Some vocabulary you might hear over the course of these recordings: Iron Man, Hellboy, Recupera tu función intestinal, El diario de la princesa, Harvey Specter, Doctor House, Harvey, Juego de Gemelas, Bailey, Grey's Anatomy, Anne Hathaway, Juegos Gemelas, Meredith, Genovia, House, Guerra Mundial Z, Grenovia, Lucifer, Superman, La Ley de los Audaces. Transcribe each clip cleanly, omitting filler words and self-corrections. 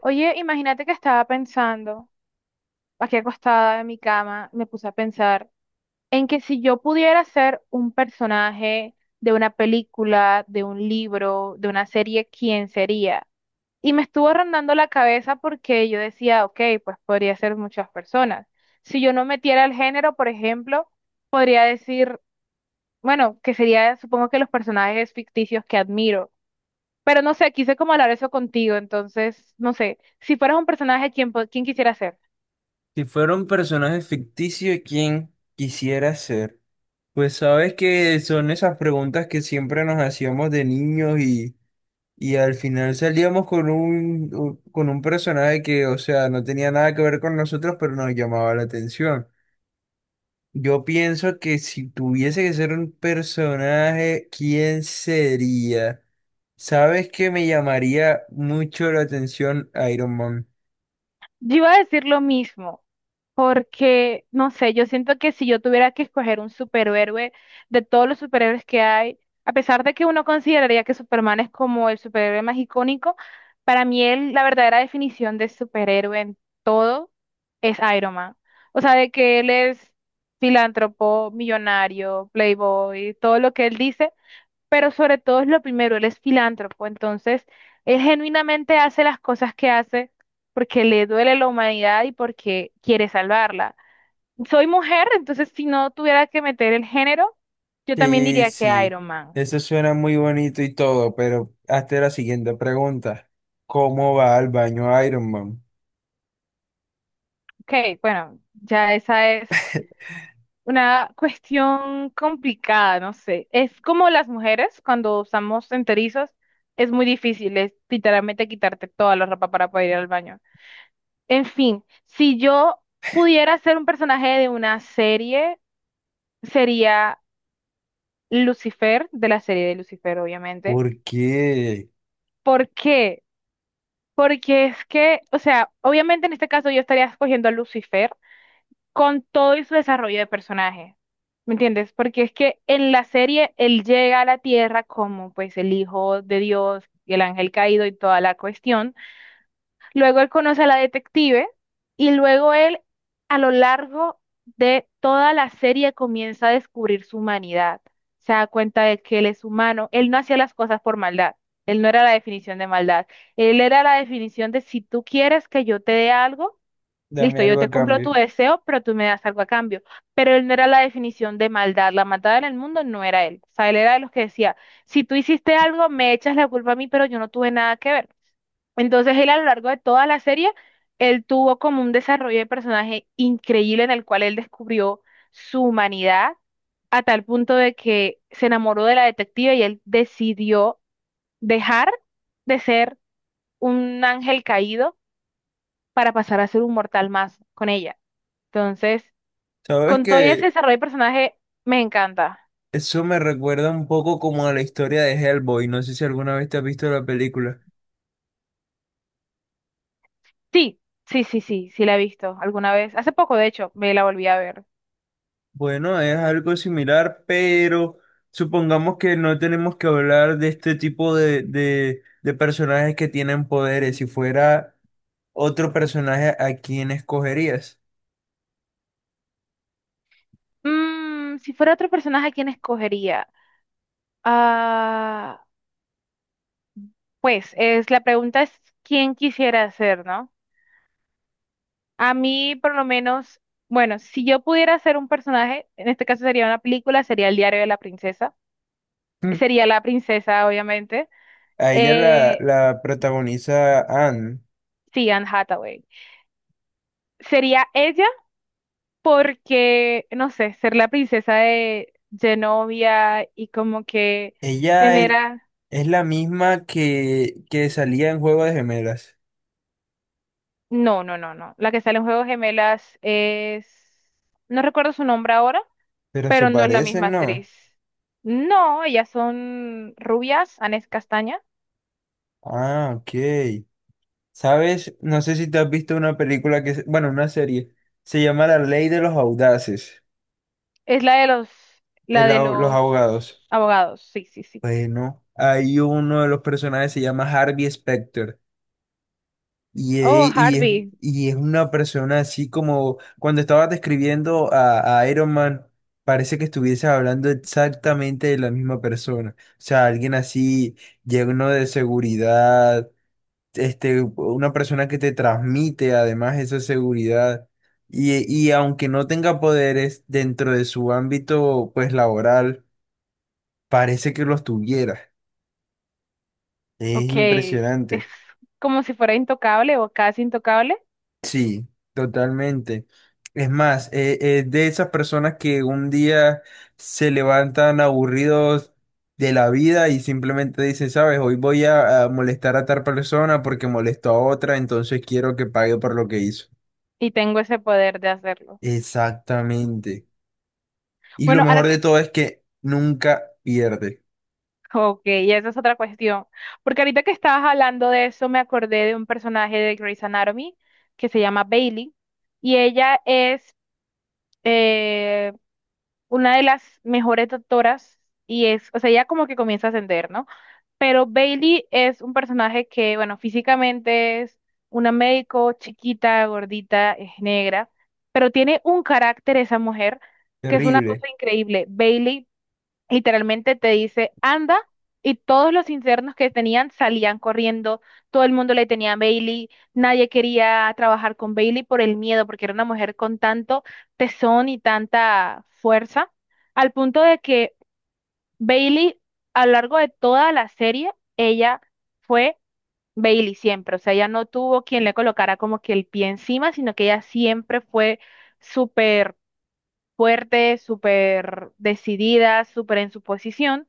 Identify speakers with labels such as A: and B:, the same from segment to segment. A: Oye, imagínate que estaba pensando, aquí acostada en mi cama, me puse a pensar en que si yo pudiera ser un personaje de una película, de un libro, de una serie, ¿quién sería? Y me estuvo rondando la cabeza porque yo decía, ok, pues podría ser muchas personas. Si yo no metiera el género, por ejemplo, podría decir, bueno, que sería, supongo que los personajes ficticios que admiro. Pero no sé, quise como hablar eso contigo, entonces, no sé, si fueras un personaje, ¿quién, quién quisiera ser?
B: Si fuera un personaje ficticio, ¿quién quisiera ser? Pues sabes que son esas preguntas que siempre nos hacíamos de niños y al final salíamos con con un personaje que, o sea, no tenía nada que ver con nosotros, pero nos llamaba la atención. Yo pienso que si tuviese que ser un personaje, ¿quién sería? ¿Sabes que me llamaría mucho la atención Iron Man?
A: Yo iba a decir lo mismo, porque, no sé, yo siento que si yo tuviera que escoger un superhéroe de todos los superhéroes que hay, a pesar de que uno consideraría que Superman es como el superhéroe más icónico, para mí él, la verdadera definición de superhéroe en todo es Iron Man. O sea, de que él es filántropo, millonario, playboy, todo lo que él dice, pero sobre todo es lo primero, él es filántropo, entonces él genuinamente hace las cosas que hace porque le duele la humanidad y porque quiere salvarla. Soy mujer, entonces si no tuviera que meter el género, yo también
B: Sí,
A: diría que
B: sí,
A: Iron Man.
B: eso suena muy bonito y todo, pero hazte la siguiente pregunta. ¿Cómo va al baño Iron Man?
A: Ok, bueno, ya esa es una cuestión complicada, no sé. Es como las mujeres cuando usamos enterizos, es muy difícil, es literalmente quitarte toda la ropa para poder ir al baño. En fin, si yo pudiera ser un personaje de una serie, sería Lucifer, de la serie de Lucifer, obviamente.
B: ¿Por qué?
A: ¿Por qué? Porque es que, o sea, obviamente en este caso yo estaría escogiendo a Lucifer con todo y su desarrollo de personaje. ¿Me entiendes? Porque es que en la serie él llega a la tierra como pues el hijo de Dios y el ángel caído y toda la cuestión. Luego él conoce a la detective y luego él a lo largo de toda la serie comienza a descubrir su humanidad. Se da cuenta de que él es humano. Él no hacía las cosas por maldad. Él no era la definición de maldad. Él era la definición de si tú quieres que yo te dé algo,
B: Dame
A: listo, yo
B: algo
A: te
B: a
A: cumplo tu
B: cambio.
A: deseo, pero tú me das algo a cambio. Pero él no era la definición de maldad. La maldad en el mundo no era él. O sea, él era de los que decía, si tú hiciste algo, me echas la culpa a mí, pero yo no tuve nada que ver. Entonces él a lo largo de toda la serie, él tuvo como un desarrollo de personaje increíble en el cual él descubrió su humanidad a tal punto de que se enamoró de la detective y él decidió dejar de ser un ángel caído para pasar a ser un mortal más con ella. Entonces,
B: Sabes
A: con todo ese
B: que
A: desarrollo de personaje, me encanta.
B: eso me recuerda un poco como a la historia de Hellboy. No sé si alguna vez te has visto la película.
A: Sí, sí, sí, sí, sí la he visto alguna vez. Hace poco, de hecho, me la volví a ver.
B: Bueno, es algo similar, pero supongamos que no tenemos que hablar de este tipo de personajes que tienen poderes. Si fuera otro personaje, ¿a quién escogerías?
A: Mm, si fuera otro personaje, ¿a quién escogería? Ah, pues, es, la pregunta es quién quisiera ser, ¿no? A mí, por lo menos, bueno, si yo pudiera ser un personaje, en este caso sería una película, sería El diario de la princesa.
B: Mm.
A: Sería la princesa, obviamente.
B: A ella la,
A: Eh,
B: la protagoniza Anne.
A: sí, Anne Hathaway. Sería ella porque, no sé, ser la princesa de Genovia y como que
B: Ella
A: tener a...
B: es la misma que salía en Juego de Gemelas.
A: No, no, no, no. La que sale en Juegos Gemelas es... No recuerdo su nombre ahora,
B: Pero se
A: pero no es la misma
B: parecen, ¿no?
A: actriz. No, ellas son rubias, Anés Castaña.
B: Ah, ok. ¿Sabes? No sé si te has visto una película que... Bueno, una serie. Se llama La Ley de los Audaces.
A: Es la de los... La de
B: Los
A: los
B: abogados.
A: abogados, sí, sí, sí.
B: Bueno, hay uno de los personajes se llama Harvey Specter. Y,
A: Oh,
B: e- y es,
A: Harvey,
B: y es una persona así como cuando estabas describiendo a Iron Man, parece que estuvieses hablando exactamente de la misma persona. O sea, alguien así lleno de seguridad, este, una persona que te transmite además esa seguridad. Y aunque no tenga poderes dentro de su ámbito pues laboral, parece que los tuviera. Es
A: ok. Es
B: impresionante.
A: como si fuera intocable o casi intocable
B: Sí, totalmente. Es más, de esas personas que un día se levantan aburridos de la vida y simplemente dicen, sabes, hoy voy a molestar a tal persona porque molestó a otra, entonces quiero que pague por lo que hizo.
A: y tengo ese poder de hacerlo.
B: Exactamente. Y lo
A: Bueno, ahora
B: mejor
A: que
B: de todo es que nunca pierde.
A: ok, y esa es otra cuestión. Porque ahorita que estabas hablando de eso, me acordé de un personaje de Grey's Anatomy que se llama Bailey. Y ella es eh, una de las mejores doctoras. Y es, o sea, ella como que comienza a ascender, ¿no? Pero Bailey es un personaje que, bueno, físicamente es una médico chiquita, gordita, es negra. Pero tiene un carácter esa mujer que es una
B: Terrible.
A: cosa increíble. Bailey literalmente te dice, anda, y todos los internos que tenían salían corriendo, todo el mundo le tenía a Bailey, nadie quería trabajar con Bailey por el miedo, porque era una mujer con tanto tesón y tanta fuerza, al punto de que Bailey, a lo largo de toda la serie, ella fue Bailey siempre, o sea, ella no tuvo quien le colocara como que el pie encima, sino que ella siempre fue súper fuerte, súper decidida, súper en su posición.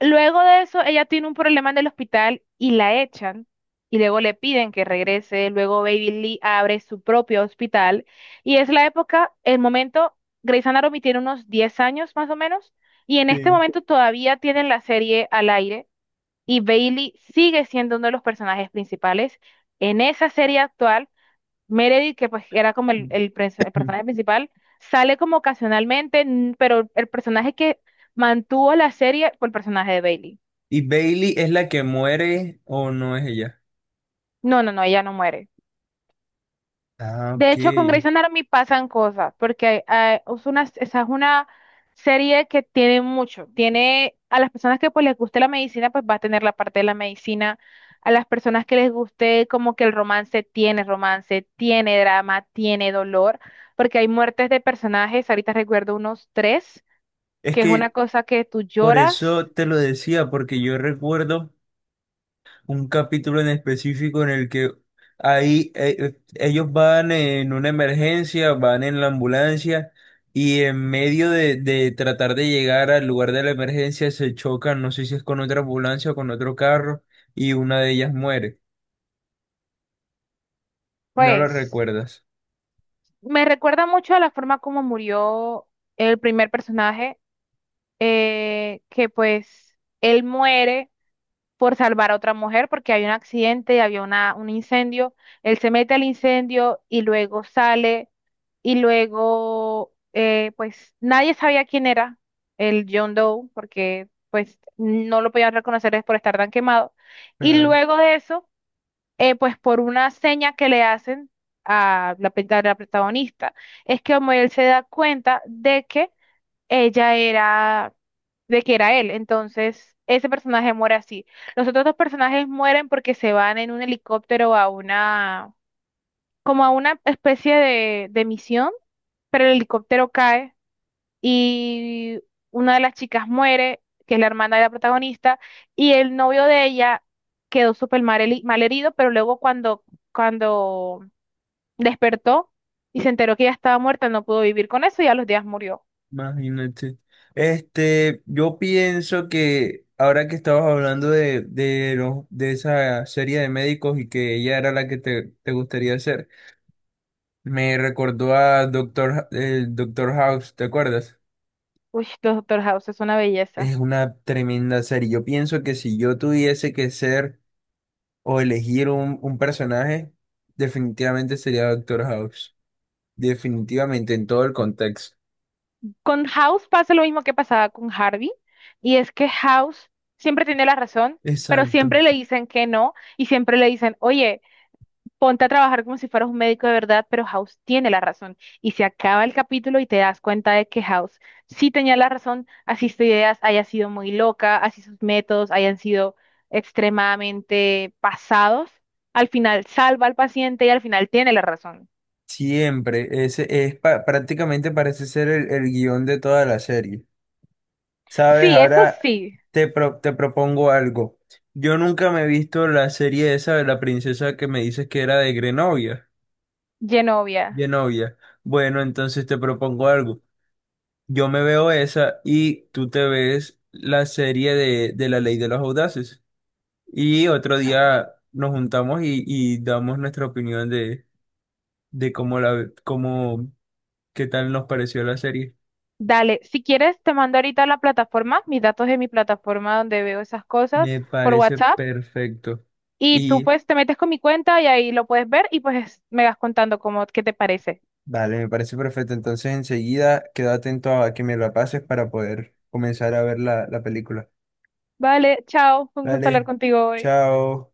A: Luego de eso, ella tiene un problema en el hospital y la echan. Y luego le piden que regrese. Luego Baby Lee abre su propio hospital. Y es la época, el momento, Grey's Anatomy tiene unos 10 años más o menos. Y en este
B: Sí.
A: momento todavía tienen la serie al aire. Y Bailey sigue siendo uno de los personajes principales. En esa serie actual, Meredith, que pues era como el el personaje principal, sale como ocasionalmente, pero el personaje que mantuvo la serie fue el personaje de Bailey.
B: ¿Y Bailey es la que muere o no es ella?
A: No, no, no, ella no muere.
B: Ah,
A: De hecho, con
B: ok.
A: Grey's Anatomy pasan cosas, porque es una, esa es una serie que tiene mucho. Tiene a las personas que pues les guste la medicina, pues va a tener la parte de la medicina. A las personas que les guste como que el romance, tiene drama, tiene dolor, porque hay muertes de personajes. Ahorita recuerdo unos tres,
B: Es
A: que es una
B: que,
A: cosa que tú
B: por
A: lloras,
B: eso te lo decía, porque yo recuerdo un capítulo en específico en el que ahí ellos van en una emergencia, van en la ambulancia y en medio de tratar de llegar al lugar de la emergencia se chocan, no sé si es con otra ambulancia o con otro carro y una de ellas muere. ¿No lo
A: pues
B: recuerdas?
A: me recuerda mucho a la forma como murió el primer personaje que pues él muere por salvar a otra mujer porque hay un accidente, había una, un incendio. Él se mete al incendio y luego sale y luego pues nadie sabía quién era el John Doe porque pues no lo podían reconocer es por estar tan quemado. Y
B: Claro.
A: luego de eso, pues por una seña que le hacen a la, a la protagonista, es que como él se da cuenta de que ella era de que era él. Entonces, ese personaje muere así. Los otros dos personajes mueren porque se van en un helicóptero a una, como a una especie de misión, pero el helicóptero cae y una de las chicas muere, que es la hermana de la protagonista, y el novio de ella quedó súper mal, mal herido, pero luego cuando, cuando despertó y se enteró que ella estaba muerta, no pudo vivir con eso y a los días murió.
B: Imagínate. Este, yo pienso que ahora que estabas hablando de esa serie de médicos y que ella era la que te gustaría hacer me recordó a Doctor, el Doctor House, ¿te acuerdas?
A: Uy, los Doctor House es una
B: Es
A: belleza.
B: una tremenda serie. Yo pienso que si yo tuviese que ser o elegir un personaje, definitivamente sería Doctor House. Definitivamente, en todo el contexto.
A: Con House pasa lo mismo que pasaba con Harvey, y es que House siempre tiene la razón, pero
B: Exacto.
A: siempre le dicen que no, y siempre le dicen, oye, ponte a trabajar como si fueras un médico de verdad, pero House tiene la razón. Y se acaba el capítulo y te das cuenta de que House sí tenía la razón, así sus ideas haya sido muy loca, así sus métodos hayan sido extremadamente pasados, al final salva al paciente y al final tiene la razón.
B: Siempre, ese es prácticamente parece ser el guión de toda la serie. Sabes,
A: Sí, eso
B: ahora
A: sí,
B: te propongo algo. Yo nunca me he visto la serie esa de la princesa que me dices que era de Grenovia,
A: Genovia.
B: Genovia. Bueno, entonces te propongo algo. Yo me veo esa y tú te ves la serie de La Ley de los Audaces. Y otro día nos juntamos y damos nuestra opinión de cómo la, cómo, qué tal nos pareció la serie.
A: Dale, si quieres, te mando ahorita la plataforma, mis datos de mi plataforma donde veo esas cosas
B: Me
A: por
B: parece
A: WhatsApp
B: perfecto.
A: y tú
B: Y
A: pues te metes con mi cuenta y ahí lo puedes ver y pues me vas contando cómo, qué te parece.
B: vale, me parece perfecto. Entonces enseguida quedo atento a que me la pases para poder comenzar a ver la, la película.
A: Vale, chao, fue un gusto hablar
B: Vale,
A: contigo hoy.
B: chao.